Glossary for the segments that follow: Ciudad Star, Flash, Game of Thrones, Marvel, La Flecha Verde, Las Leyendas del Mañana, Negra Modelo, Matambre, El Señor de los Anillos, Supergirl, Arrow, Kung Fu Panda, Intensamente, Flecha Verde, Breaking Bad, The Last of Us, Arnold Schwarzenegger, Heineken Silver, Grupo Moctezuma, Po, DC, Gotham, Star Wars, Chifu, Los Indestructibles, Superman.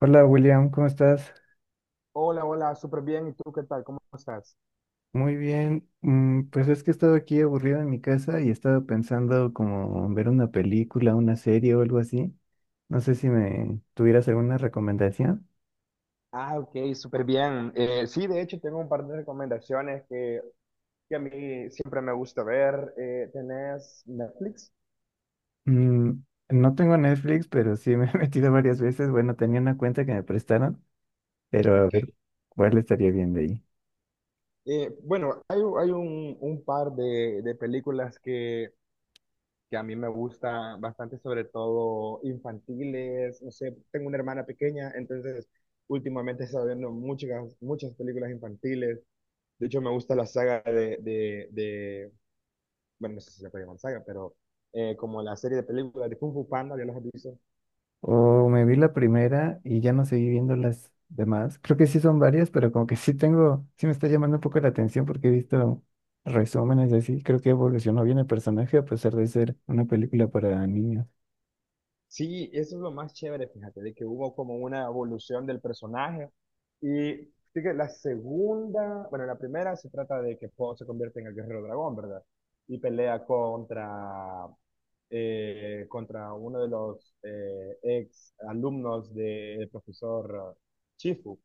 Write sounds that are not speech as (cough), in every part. Hola William, ¿cómo estás? Hola, hola, súper bien. ¿Y tú qué tal? ¿Cómo estás? Muy bien. Pues es que he estado aquí aburrido en mi casa y he estado pensando como en ver una película, una serie o algo así. No sé si me tuvieras alguna recomendación. Ah, ok, súper bien. Sí, de hecho, tengo un par de recomendaciones que a mí siempre me gusta ver. ¿Tenés Netflix? Mm, no tengo Netflix, pero sí me he (laughs) metido varias veces. Bueno, tenía una cuenta que me prestaron, pero a Ok. ver cuál estaría bien de ahí. Bueno, hay un par de películas que a mí me gustan bastante, sobre todo infantiles. No sé, tengo una hermana pequeña, entonces últimamente he estado viendo muchas películas infantiles. De hecho, me gusta la saga de, bueno, no sé si se puede llamar saga, pero como la serie de películas de Kung Fu Panda, ya los has visto. O me vi la primera y ya no seguí viendo las demás. Creo que sí son varias, pero como que sí tengo, sí me está llamando un poco la atención porque he visto resúmenes y así. Creo que evolucionó bien el personaje a pesar de ser una película para niños. Sí, eso es lo más chévere, fíjate, de que hubo como una evolución del personaje. Y sí que la segunda, bueno, la primera se trata de que Po se convierte en el guerrero dragón, ¿verdad? Y pelea contra uno de los ex alumnos del profesor Chifu.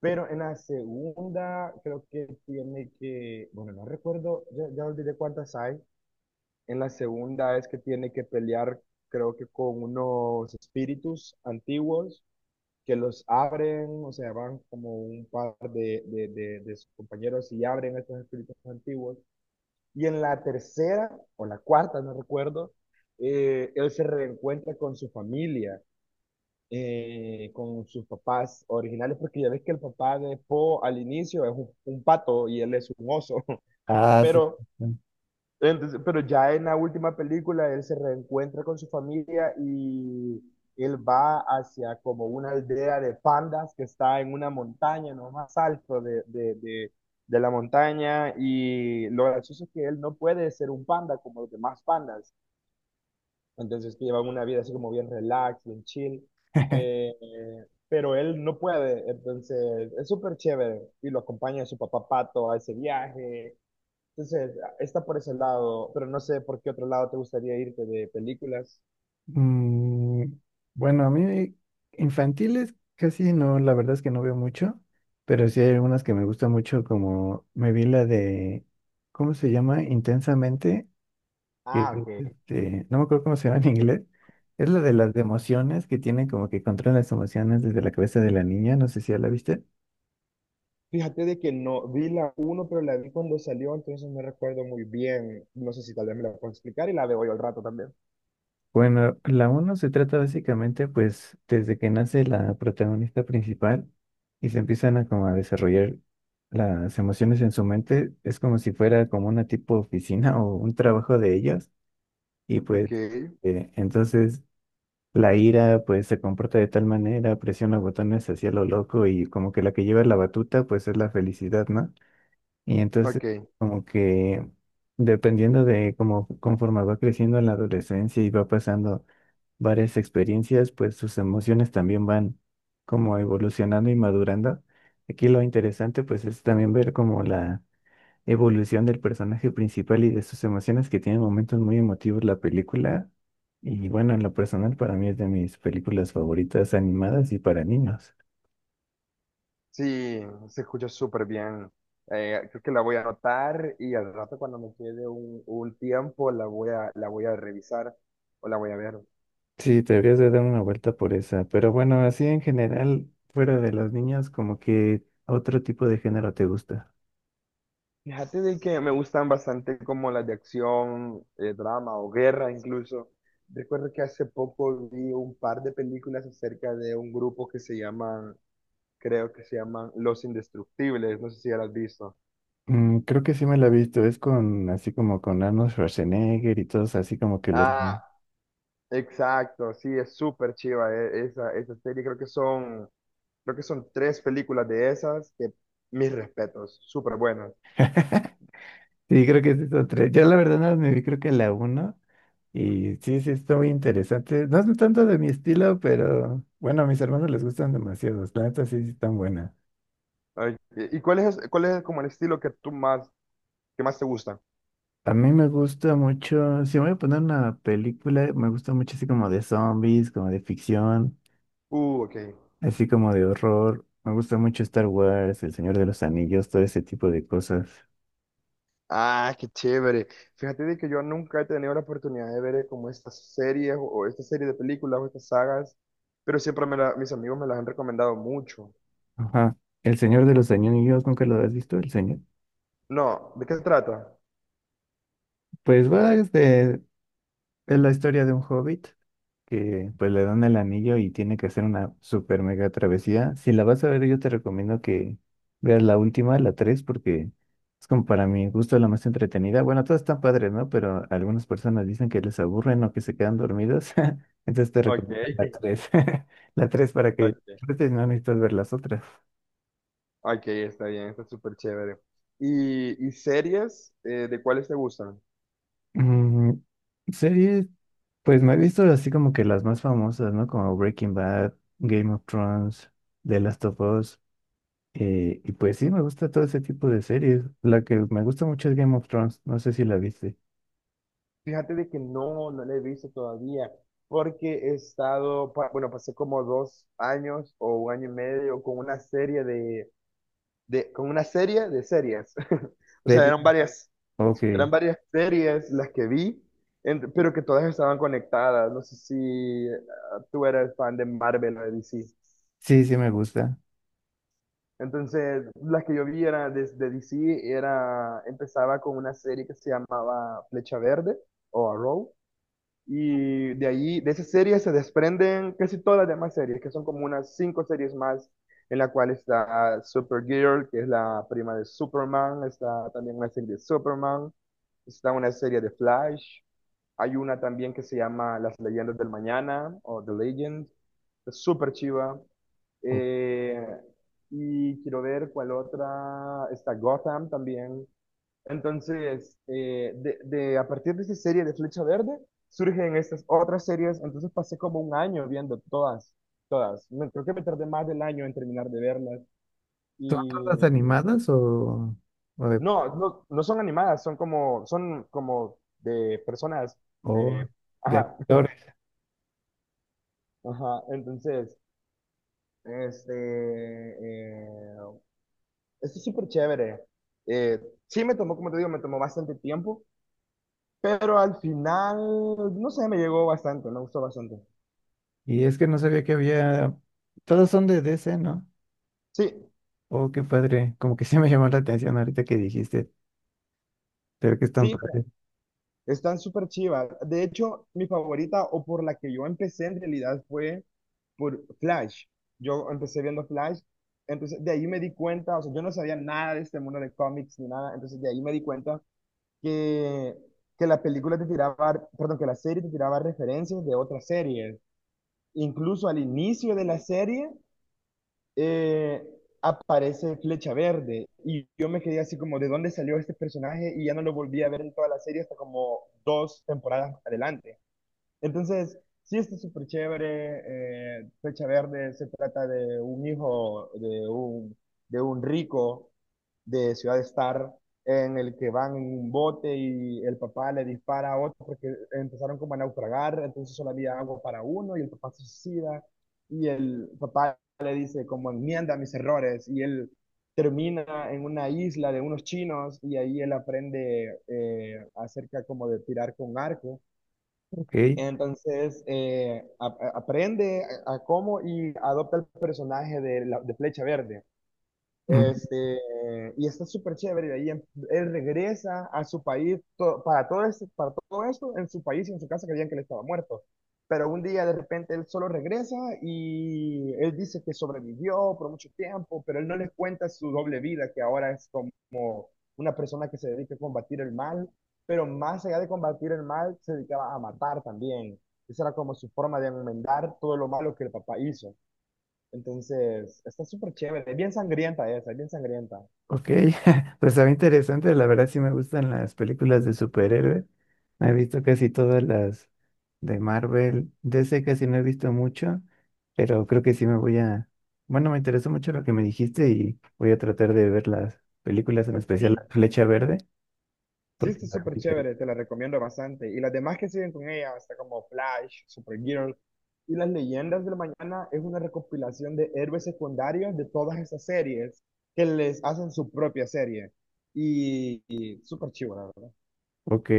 Pero en la segunda creo que tiene que, bueno, no recuerdo, ya olvidé cuántas hay. En la segunda es que tiene que pelear, creo que con unos espíritus antiguos que los abren, o sea, van como un par de sus compañeros y abren a estos espíritus antiguos. Y en la tercera, o la cuarta, no recuerdo, él se reencuentra con su familia con sus papás originales, porque ya ves que el papá de Po al inicio es un pato y él es un oso, (laughs) Ah, sí. pero, pero ya en la última película él se reencuentra con su familia y él va hacia como una aldea de pandas que está en una montaña, no más alto de la montaña y lo gracioso es que él no puede ser un panda como los demás pandas entonces, que llevan una vida así como bien relax, bien chill. (laughs) eh, pero él no puede, entonces es súper chévere. Y lo acompaña su papá Pato a ese viaje. Entonces, está por ese lado, pero no sé por qué otro lado te gustaría irte de películas. Mm, bueno, a mí infantiles casi no, la verdad es que no veo mucho, pero sí hay algunas que me gustan mucho, como me vi la de, ¿cómo se llama? Intensamente. Que, Ah, ok. No me acuerdo cómo se llama en inglés. Es la de las Ujú. de emociones que tiene como que controlan las emociones desde la cabeza de la niña. No sé si ya la viste. Fíjate de que no vi la uno, pero la vi cuando salió, entonces no recuerdo muy bien. No sé si tal vez me la puedo explicar y la veo hoy al rato también. Bueno, la uno se trata básicamente pues desde que nace la protagonista principal y se empiezan a como a desarrollar las emociones en su mente. Es como si fuera como una tipo oficina o un trabajo de ellos. Y Ok, pues entonces la ira, pues, se comporta de tal manera, presiona botones hacia lo loco y como que la que lleva la batuta, pues, es la felicidad, ¿no? Y entonces, ok. como que, dependiendo de cómo, conforme va creciendo en la adolescencia y va pasando varias experiencias, pues, sus emociones también van como evolucionando y madurando. Aquí lo interesante, pues, es también ver como la evolución del personaje principal y de sus emociones que tiene momentos muy emotivos la película. Y bueno, en lo personal para mí es de mis películas favoritas animadas y para niños. Sí, se escucha súper bien. Creo que la voy a anotar y al rato cuando me quede un tiempo la voy la voy a revisar o la voy a ver. Sí, te deberías de dar una vuelta por esa. Pero bueno, así en general, fuera de los niños, como que otro tipo de género te gusta. Fíjate de que me gustan bastante como las de acción, drama o guerra incluso. Recuerdo que hace poco vi un par de películas acerca de un grupo que se creo que se llaman Los Indestructibles, no sé si ya las has visto. Creo que sí me la he visto. Es con así como con Arnold Schwarzenegger y todos así como que los... Ah, Ujú. exacto, sí, es súper chiva esa serie, creo que son... Creo que son tres películas de esas que mis respetos, súper buenas. (laughs) Sí, creo que es esa tres. Yo la verdad no me vi, creo que la uno. Y sí, sí, está muy interesante. No es tanto de mi estilo, pero bueno, a mis hermanos les gustan demasiado. La neta sí, sí están buenas. Ay, ¿y cuál es como el estilo que tú que más te gusta? A mí me gusta mucho, si voy a poner una película, me gusta mucho así como de zombies, como de ficción, Ok. así como de horror. Me gusta mucho Star Wars, El Señor de los Anillos, todo ese tipo de cosas. Ah, qué chévere. Fíjate de que yo nunca he tenido la oportunidad de ver como estas series o esta serie de películas o estas sagas, pero mis amigos me las han recomendado mucho. Ajá. El Señor de los Anillos, ¿nunca lo has visto? El Señor. No, ¿de qué se trata? Pues va este. Es la historia de un hobbit que pues le dan el anillo y tiene que hacer una super mega travesía. Si la vas a ver, yo te recomiendo que veas la última, la 3 porque es como para mi gusto la más entretenida. Bueno, todas están padres, ¿no? Pero algunas personas dicen que les aburren o que se quedan dormidos. (laughs) Entonces te Ok, (laughs) recomiendo la tres. (laughs) La 3 para que ok, disfrutes, no necesitas ver las otras. ok, está bien, está súper chévere. ¿Y series de cuáles te gustan? Mm, series, pues me he visto así como que las más famosas, ¿no? Como Breaking Bad, Game of Thrones, The Last of Us. Y pues sí, me gusta todo ese tipo de series. La que me gusta mucho es Game of Thrones. No sé si la viste. Fíjate de que no la he visto todavía, porque he estado, bueno, pasé como dos años o un año y medio con una serie de con una serie de series. (laughs) O sea, ¿Serie? Ok. eran varias series las que vi, pero que todas estaban conectadas. No sé si eh, tú eres fan de Marvel o de DC. Sí, sí me gusta. Entonces, las que yo vi era de DC era, empezaba con una serie que se llamaba Flecha Verde o Arrow. Y de ahí, de esa serie se desprenden casi todas las demás series, que son como unas cinco series más, en la cual está Supergirl, que es la prima de Superman, está también una serie de Superman, está una serie de Flash, hay una también que se llama Las Leyendas del Mañana, o The Legend, es súper chiva. O- Eh, y quiero ver cuál otra, está Gotham también, entonces, a partir de esa serie de Flecha Verde, surgen estas otras series. Entonces pasé como un año viendo todas. Creo que me tardé más del año en terminar de verlas. ¿Son todas Y animadas o, o de, no son animadas, son como de personas. o eh, de ajá, actores? (laughs) ajá. Entonces, este, eh, esto es súper chévere. Eh, sí me tomó, como te digo, me tomó bastante tiempo. Pero al final, no sé, me llegó bastante, me gustó bastante. Y es que no sabía que había... Todas son de DC, ¿no? Sí, Oh, qué padre. Como que sí me llamó la atención ahorita que dijiste. Pero que están sí, padres. están súper chivas. De hecho, mi favorita o por la que yo empecé en realidad fue por Flash. Yo empecé viendo Flash, entonces de ahí me di cuenta, o sea, yo no sabía nada de este mundo de cómics ni nada, entonces de ahí me di cuenta que, que la película te tiraba, perdón, que la serie te tiraba referencias de otras series. Incluso al inicio de la serie eh, aparece Flecha Verde y yo me quedé así como, ¿de dónde salió este personaje? Y ya no lo volví a ver en toda la serie hasta como dos temporadas adelante. Entonces, sí está súper chévere. Flecha Verde se trata de un hijo de de un rico de Ciudad Star en el que van en un bote y el papá le dispara a otro porque empezaron como a naufragar, entonces solo había agua para uno y el papá se suicida y el papá se como enmienda mis errores y él termina en una isla de unos chinos y ahí él aprende acerca como de tirar con arco. Ok, Entonces aprende a cómo y adopta el personaje de Flecha Verde. mm, Este, y está súper chévere. Él regresa a su país para todo esto en su país y en su casa creían que él estaba muerto. Pero un día de repente él solo regresa y él dice que sobrevivió por mucho tiempo, pero él no les cuenta su doble vida, que ahora es como una persona que se dedica a combatir el mal, pero más allá de combatir el mal, se dedicaba a matar también. Esa era como su forma de enmendar todo lo malo que el papá hizo. Entonces, está súper chévere, es bien sangrienta esa, es bien sangrienta. ok, (laughs) pues está interesante, la verdad sí me gustan las películas de superhéroes, he visto casi todas las de Marvel, DC casi no he visto mucho, pero creo que sí me voy a, bueno, me interesó mucho lo que me dijiste y voy a tratar de ver las películas, en especial Sí, La Flecha Verde, sí, porque está está muy súper inter- chévere, te la recomiendo bastante. Y las demás que siguen con ella, hasta como Flash, Supergirl y Las Leyendas del Mañana, es una recopilación de héroes secundarios de todas esas series que les hacen su propia serie. Y súper chivo, la verdad. Ok,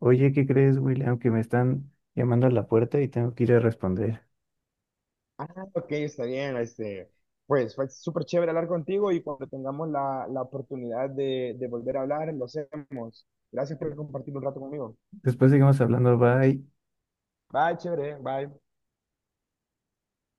oye, ¿qué crees, William? Que me están llamando a la puerta y tengo que ir a responder. Ah, ok, está bien. Pues fue súper chévere hablar contigo y cuando tengamos la oportunidad de volver a hablar, lo hacemos. Gracias por compartir un rato conmigo. Después seguimos hablando, bye. Bye, chévere, bye.